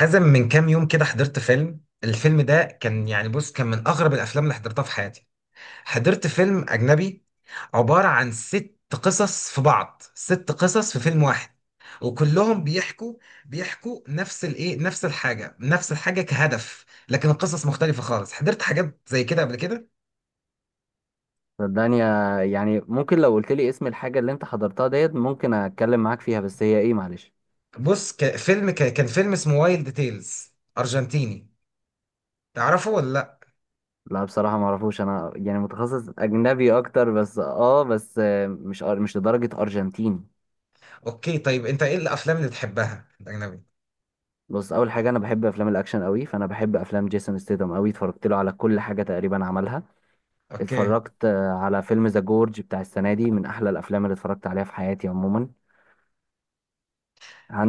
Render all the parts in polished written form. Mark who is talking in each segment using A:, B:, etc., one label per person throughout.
A: حازم، من كام يوم كده حضرت فيلم. الفيلم ده كان، يعني بص، كان من أغرب الأفلام اللي حضرتها في حياتي. حضرت فيلم أجنبي عبارة عن ست قصص في بعض. ست قصص في فيلم واحد، وكلهم بيحكوا نفس الإيه، نفس الحاجة. نفس الحاجة كهدف، لكن القصص مختلفة خالص. حضرت حاجات زي كده قبل كده؟
B: صدقني يعني ممكن لو قلت لي اسم الحاجة اللي انت حضرتها ديت ممكن اتكلم معاك فيها، بس هي ايه؟ معلش.
A: بص، كان فيلم اسمه وايلد تيلز، أرجنتيني. تعرفه ولا لأ؟
B: لا، بصراحة ما اعرفوش، انا يعني متخصص اجنبي اكتر، بس مش لدرجة ارجنتين.
A: أوكي، طيب أنت إيه الأفلام اللي بتحبها الأجنبي؟
B: بص، اول حاجة انا بحب افلام الاكشن قوي، فانا بحب افلام جيسون ستيدم قوي، اتفرجت له على كل حاجة تقريبا عملها.
A: أوكي.
B: اتفرجت على فيلم ذا جورج بتاع السنة دي، من احلى الافلام اللي اتفرجت عليها في حياتي عموما.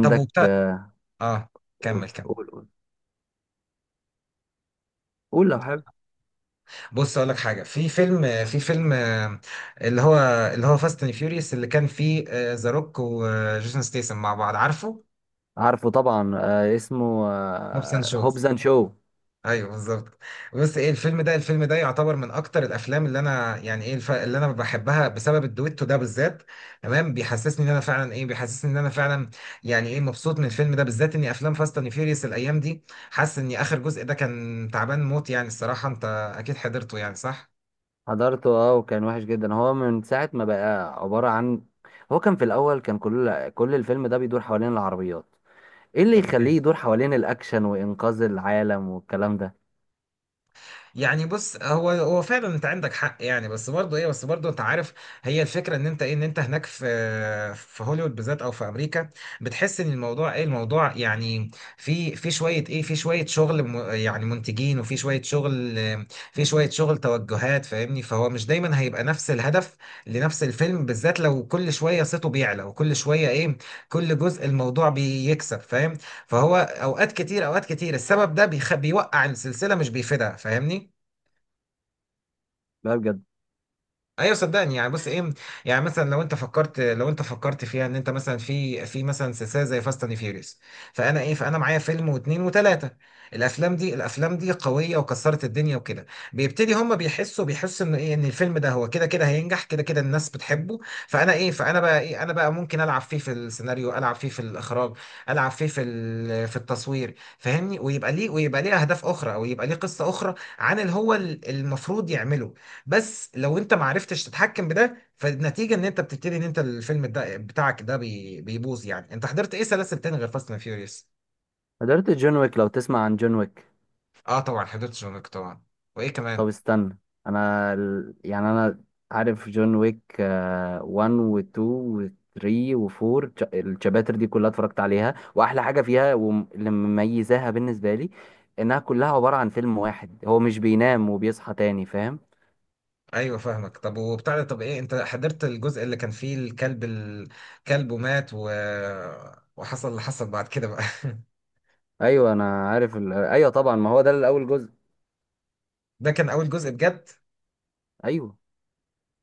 A: طب،
B: آه،
A: اه،
B: قول،
A: كمل، كمل.
B: قول، قول. قول لو حابب.
A: بص، اقول لك حاجه. في فيلم، في فيلم، اللي هو اللي هو فاست اند فيوريوس، اللي كان فيه ذا روك وجيسون ستيسن مع بعض، عارفه؟
B: عارفه طبعا، اسمه
A: موبس اند شوز.
B: هوبز اند شو.
A: ايوه، بالظبط. بص، ايه الفيلم ده؟ الفيلم ده يعتبر من اكتر الافلام اللي انا، يعني ايه، اللي انا بحبها، بسبب الدويتو ده بالذات. تمام؟ بيحسسني ان انا فعلا ايه، بيحسسني ان انا فعلا يعني ايه، مبسوط من الفيلم ده بالذات. اني افلام فاست اند فيوريوس الايام دي، حاسس ان اخر جزء ده كان تعبان موت يعني. الصراحه انت اكيد حضرته، يعني صح؟
B: حضرته اه، وكان وحش جدا. هو من ساعة ما بقى عبارة عن، هو كان في الأول كان كل الفيلم ده بيدور حوالين العربيات، ايه اللي
A: اوكي.
B: يخليه يدور حوالين الأكشن وإنقاذ العالم والكلام ده؟
A: يعني بص، هو فعلا انت عندك حق يعني، بس برضه ايه، بس برضه انت عارف هي الفكره ان انت ايه، ان انت هناك في، في هوليوود بالذات او في امريكا، بتحس ان الموضوع ايه، الموضوع يعني في، في شويه ايه، في شويه شغل يعني منتجين، وفي شويه شغل، في شويه شغل توجهات، فاهمني؟ فهو مش دايما هيبقى نفس الهدف لنفس الفيلم بالذات. لو كل شويه صيته بيعلى، وكل شويه ايه، كل جزء الموضوع بيكسب، فاهم؟ فهو اوقات كتير، اوقات كتير السبب ده بيوقع السلسله، مش بيفيدها، فاهمني؟
B: لا بجد.
A: ايوه صدقني. يعني بص ايه، يعني مثلا لو انت فكرت، لو انت فكرت فيها ان انت مثلا في، في مثلا سلسله زي فاست اند فيوريوس، فانا ايه، فانا معايا فيلم واثنين وثلاثه. الافلام دي قويه وكسرت الدنيا وكده. بيبتدي هم بيحسوا ان ايه، ان الفيلم ده هو كده كده هينجح، كده كده الناس بتحبه. فانا ايه، فانا بقى ايه، انا بقى ممكن العب فيه في السيناريو، العب فيه في الاخراج، العب فيه في في التصوير، فاهمني؟ ويبقى ليه، ويبقى ليه اهداف اخرى، او يبقى ليه قصه اخرى عن اللي هو المفروض يعمله. بس لو انت ما عرفتش تتحكم بده، فالنتيجه ان انت بتبتدي ان انت الفيلم ده بتاعك ده بيبوظ يعني. انت حضرت ايه سلاسل تاني غير فاست اند فيوريوس؟
B: حضرت جون ويك، لو تسمع عن جون ويك.
A: اه طبعا، حضرت جون ويك طبعا. وايه
B: طب
A: كمان؟
B: استنى، انا ال- يعني انا عارف جون ويك 1 و2 و3 و4، الشابتر دي كلها اتفرجت عليها، واحلى حاجه فيها واللي مميزاها بالنسبه لي انها كلها عباره عن فيلم واحد، هو مش بينام وبيصحى تاني، فاهم؟
A: ايوه فاهمك. طب وبتاع ده، طب ايه، انت حضرت الجزء اللي كان فيه الكلب؟ الكلب ومات وحصل اللي حصل بعد كده بقى؟
B: ايوه انا عارف. ايوه طبعا، ما هو ده الاول جزء.
A: ده كان اول جزء بجد.
B: ايوه.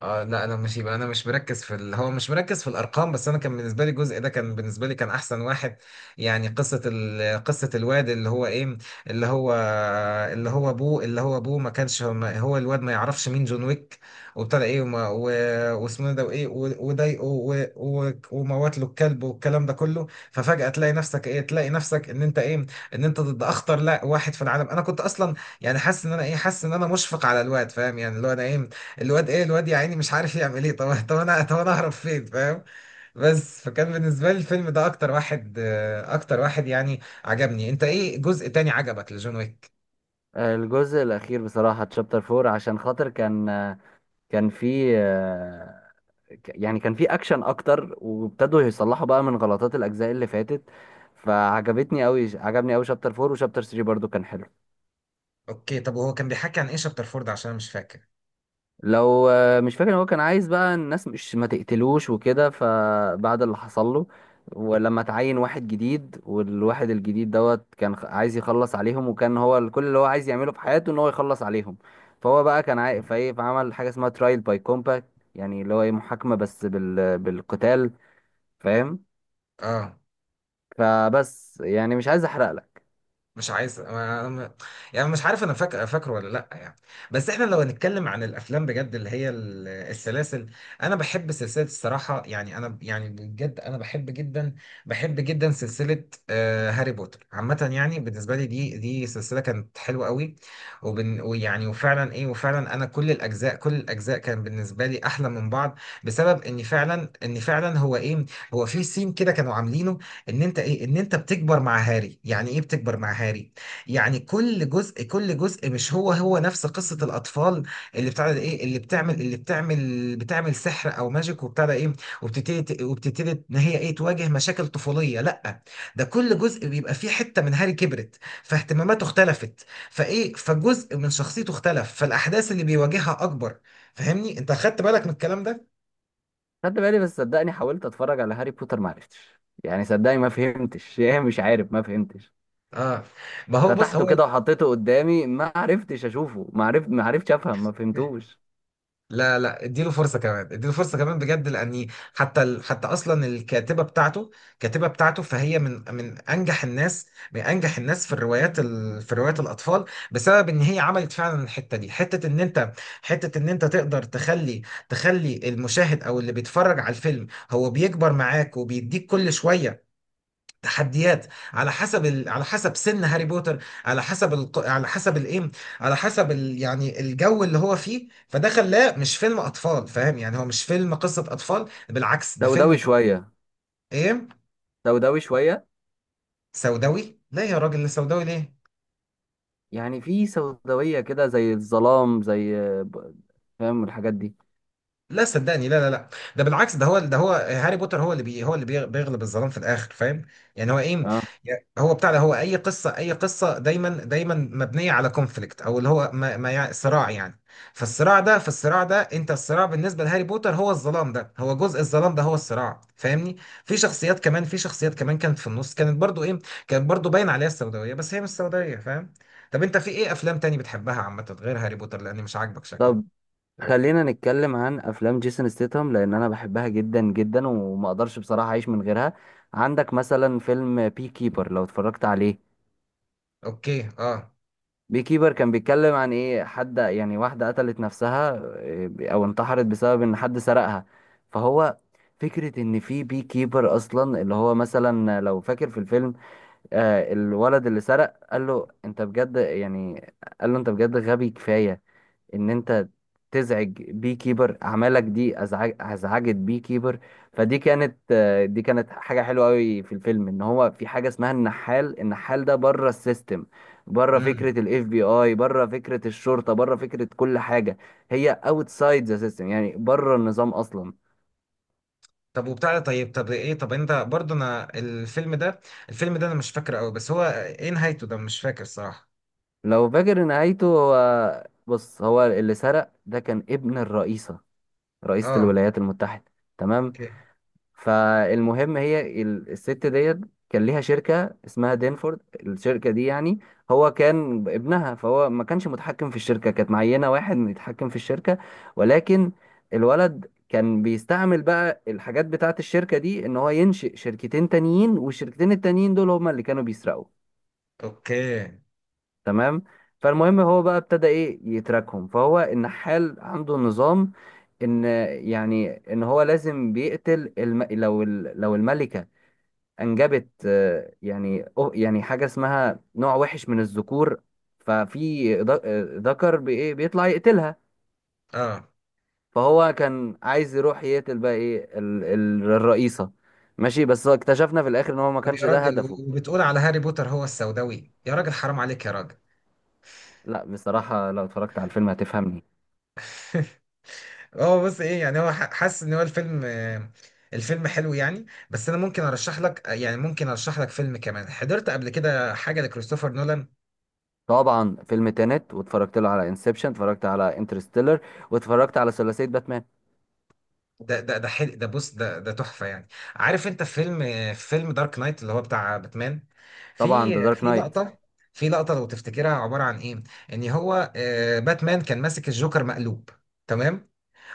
A: اه لا، انا مش، يبقى انا مش مركز في هو مش مركز في الارقام. بس انا كان بالنسبه لي الجزء ده، كان بالنسبه لي كان احسن واحد. يعني قصه الواد اللي هو ايه، اللي هو اللي هو ابوه، اللي هو ابوه ما كانش هو، ما... هو الواد ما يعرفش مين جون ويك. وابتدى ايه، واسمه إيه ده وايه وضايقه وموت له الكلب والكلام ده كله. ففجاه تلاقي نفسك ايه، تلاقي نفسك ان انت ايه، ان انت ضد اخطر، لا، واحد في العالم. انا كنت اصلا يعني حاسس ان انا ايه، حاسس ان انا مشفق على الواد، فاهم يعني؟ اللي هو انا ايه، الواد ايه، الواد يا عيني مش عارف يعمل ايه. طب، طب انا، طب انا اهرب فين، فاهم؟ بس، فكان بالنسبه لي الفيلم ده اكتر واحد اكتر واحد يعني عجبني. انت ايه جزء تاني عجبك لجون ويك؟
B: الجزء الاخير بصراحه تشابتر 4، عشان خاطر كان آه، كان في آه، يعني كان في اكشن اكتر، وابتدوا يصلحوا بقى من غلطات الاجزاء اللي فاتت، فعجبتني قوي. عجبني قوي شابتر 4، وشابتر 3 برضو كان حلو.
A: اوكي طب، وهو كان بيحكي عن ايه شابتر فورد؟ عشان انا مش فاكر.
B: لو مش فاكر، إن هو كان عايز بقى الناس مش ما تقتلوش وكده، فبعد اللي حصل له ولما تعين واحد جديد، والواحد الجديد دوت كان عايز يخلص عليهم، وكان هو ال- كل اللي هو عايز يعمله في حياته ان هو يخلص عليهم. فهو بقى كان عاي... فايه فعمل حاجه اسمها ترايل باي كومباكت، يعني اللي هو ايه محاكمه بالقتال، فاهم؟
A: اه
B: فبس يعني مش عايز احرق لك.
A: مش عايز، يعني مش عارف، انا فاكر، فاكره ولا لا يعني. بس احنا لو هنتكلم عن الافلام بجد، اللي هي السلاسل، انا بحب سلسله الصراحه. يعني انا يعني بجد انا بحب جدا، بحب جدا سلسله هاري بوتر عامه. يعني بالنسبه لي، دي سلسله كانت حلوه قوي. وبن، ويعني، وفعلا ايه، وفعلا انا كل الاجزاء، كل الاجزاء كان بالنسبه لي احلى من بعض. بسبب ان فعلا، ان فعلا هو ايه، هو في سين كده كانوا عاملينه، ان انت ايه، ان انت بتكبر مع هاري. يعني ايه بتكبر مع هاري؟ يعني كل جزء، كل جزء مش هو نفس قصة الاطفال، اللي بتاع ده ايه، اللي بتعمل بتعمل سحر او ماجيك وبتاع ده ايه. وبتبتدي ان هي ايه، تواجه مشاكل طفولية. لا، ده كل جزء بيبقى فيه حتة من هاري كبرت، فاهتماماته اختلفت، فايه، فجزء من شخصيته اختلف، فالاحداث اللي بيواجهها اكبر. فاهمني؟ انت خدت بالك من الكلام ده؟
B: خدت بالي، بس صدقني حاولت اتفرج على هاري بوتر ما عرفتش، يعني صدقني ما فهمتش يعني مش عارف، ما فهمتش.
A: اه. ما هو بص، هو،
B: فتحته كده وحطيته قدامي ما عرفتش اشوفه، ما عرفتش افهم، ما فهمتوش.
A: لا لا، اديله فرصة كمان، اديله فرصة كمان بجد. لأني حتى حتى أصلا الكاتبة بتاعته، الكاتبة بتاعته فهي من أنجح الناس، من أنجح الناس في الروايات في روايات الأطفال. بسبب إن هي عملت فعلا الحتة دي، حتة إن أنت، حتة إن أنت تقدر تخلي، تخلي المشاهد أو اللي بيتفرج على الفيلم هو بيكبر معاك، وبيديك كل شوية تحديات على حسب على حسب سن هاري بوتر، على حسب على حسب الايه، على حسب يعني الجو اللي هو فيه. فده خلاه مش فيلم اطفال، فاهم يعني؟ هو مش فيلم قصة اطفال، بالعكس. ده فيلم
B: سوداوي شويه.
A: ايه؟
B: سوداوي شويه.
A: سوداوي؟ لا يا راجل، لا، سوداوي ليه؟
B: يعني في سوداويه كده، زي الظلام، ب- فاهم الحاجات دي.
A: لا صدقني، لا لا لا. ده بالعكس، ده هو، ده هو هاري بوتر هو اللي بي، هو اللي بيغلب الظلام في الاخر، فاهم؟ يعني هو ايه،
B: اه.
A: يعني هو بتاع ده، هو اي قصه، اي قصه دايما، دايما مبنيه على كونفليكت، او اللي هو ما يعني صراع يعني. فالصراع ده انت، الصراع بالنسبه لهاري بوتر هو الظلام ده، هو جزء الظلام ده، هو الصراع، فاهمني؟ في شخصيات كمان كانت في النص، كانت برضو ايه، كانت برضو باين عليها السوداويه، بس هي مش سوداويه، فاهم؟ طب انت في ايه افلام تاني بتحبها عامه غير هاري بوتر، لان مش عاجبك
B: طب
A: شكله؟
B: خلينا نتكلم عن افلام جيسون ستيتهم، لان انا بحبها جدا جدا وما اقدرش بصراحه اعيش من غيرها. عندك مثلا فيلم بي كيبر لو اتفرجت عليه.
A: اوكي. اه.
B: بي كيبر كان بيتكلم عن ايه؟ حد يعني، واحده قتلت نفسها، او انتحرت بسبب ان حد سرقها. فهو فكره ان في بي كيبر اصلا اللي هو مثلا، لو فاكر في الفيلم، الولد اللي سرق قال له انت بجد يعني، قال له انت بجد غبي كفايه ان انت تزعج بي كيبر؟ اعمالك دي ازعجت بي كيبر. فدي كانت آه، دي كانت حاجه حلوه قوي في الفيلم، ان هو في حاجه اسمها النحال. النحال ده بره السيستم، بره فكره
A: امم
B: الاف بي اي، بره فكره الشرطه، بره فكره كل حاجه. هي اوتسايد ذا سيستم، يعني بره النظام اصلا.
A: طب وبتاع ده، طيب، طب ايه، طب انت برضه، انا الفيلم ده، الفيلم ده انا مش فاكره قوي، بس هو ايه نهايته ده، مش فاكر صراحة.
B: لو فاكر نهايته، هو بص، هو اللي سرق ده كان ابن الرئيسه، رئيسه
A: اه.
B: الولايات المتحده. تمام.
A: اوكي.
B: فالمهم هي الست ديت كان ليها شركة اسمها دينفورد. الشركة دي يعني، هو كان ابنها، فهو ما كانش متحكم في الشركة، كانت معينة واحد إنه يتحكم في الشركة. ولكن الولد كان بيستعمل بقى الحاجات بتاعة الشركة دي ان هو ينشئ شركتين تانيين، والشركتين التانيين دول هما اللي كانوا بيسرقوا.
A: اوكي.
B: تمام. فالمهم هو بقى ابتدى يتراكهم. فهو النحال عنده نظام، ان يعني ان هو لازم بيقتل لو الملكة انجبت، يعني حاجه اسمها نوع وحش من الذكور، ففي ذكر بيطلع يقتلها.
A: اه.
B: فهو كان عايز يروح يقتل بقى الرئيسه، ماشي؟ بس هو اكتشفنا في الاخر ان هو ما
A: طب
B: كانش
A: يا
B: ده
A: راجل،
B: هدفه.
A: وبتقول على هاري بوتر هو السوداوي؟ يا راجل حرام عليك يا راجل.
B: لا بصراحه لو اتفرجت على الفيلم هتفهمني.
A: هو بص ايه، يعني هو حاسس ان هو الفيلم الفيلم حلو يعني. بس انا ممكن ارشح لك، يعني ممكن ارشح لك فيلم كمان. حضرت قبل كده حاجة لكريستوفر نولان.
B: طبعا، فيلم تينت، واتفرجت له على انسبشن، اتفرجت على انترستيلر، واتفرجت على ثلاثيه باتمان.
A: ده ده ده حلو. ده بص، ده ده تحفه يعني. عارف انت فيلم، فيلم دارك نايت اللي هو بتاع باتمان؟
B: طبعا،
A: في،
B: ذا دارك
A: في
B: نايت.
A: لقطه، في لقطه لو تفتكرها عباره عن ايه، ان هو باتمان كان ماسك الجوكر مقلوب، تمام؟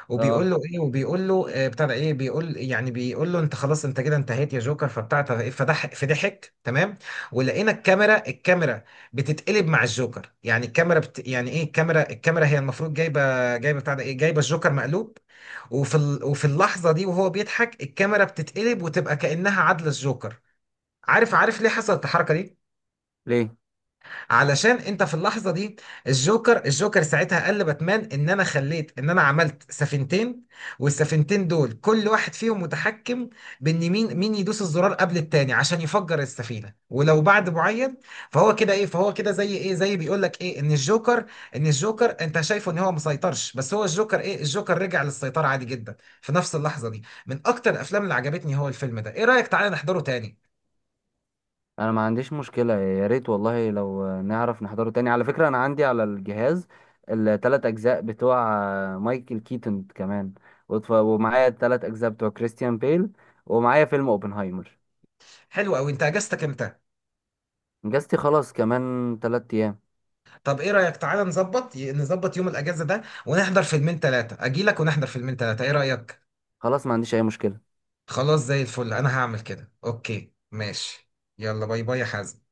A: وبيقول
B: اه.
A: له ايه وبيقول له آه، بتاع ده ايه، بيقول، يعني بيقول له انت خلاص، انت كده انتهيت يا جوكر. فبتاع ده، ايه، فضح، فضحك، تمام؟ ولقينا الكاميرا بتتقلب مع الجوكر. يعني الكاميرا بت، يعني ايه، الكاميرا، الكاميرا هي المفروض جايبه، جايبه بتاع ده ايه، جايبه الجوكر مقلوب، وفي وفي اللحظة دي وهو بيضحك الكاميرا بتتقلب وتبقى كأنها عدلة الجوكر. عارف، عارف ليه حصلت الحركة دي؟
B: ليه.
A: علشان انت في اللحظه دي، الجوكر ساعتها قال لباتمان ان انا خليت، ان انا عملت سفينتين، والسفينتين دول كل واحد فيهم متحكم بان مين، مين يدوس الزرار قبل التاني عشان يفجر السفينه، ولو بعد معين. فهو كده ايه، فهو كده زي ايه، زي بيقول لك ايه، ان الجوكر، ان الجوكر انت شايفه ان هو مسيطرش، بس هو الجوكر ايه، الجوكر رجع للسيطره عادي جدا في نفس اللحظه دي. من اكتر الافلام اللي عجبتني هو الفيلم ده، ايه رايك تعالى نحضره تاني؟
B: انا ما عنديش مشكلة، يا ريت والله لو نعرف نحضره تاني. على فكرة انا عندي على الجهاز التلات اجزاء بتوع مايكل كيتون كمان، ومعايا التلات اجزاء بتوع كريستيان بيل، ومعايا فيلم اوبنهايمر.
A: حلو قوي. انت اجازتك امتى؟
B: اجازتي خلاص كمان 3 ايام.
A: طب ايه رأيك تعالى نظبط يوم الاجازة ده ونحضر فيلمين ثلاثة، اجيلك ونحضر فيلمين ثلاثة، ايه رأيك؟
B: خلاص ما عنديش اي مشكلة.
A: خلاص، زي الفل. انا هعمل كده، اوكي ماشي. يلا، باي باي يا حازم.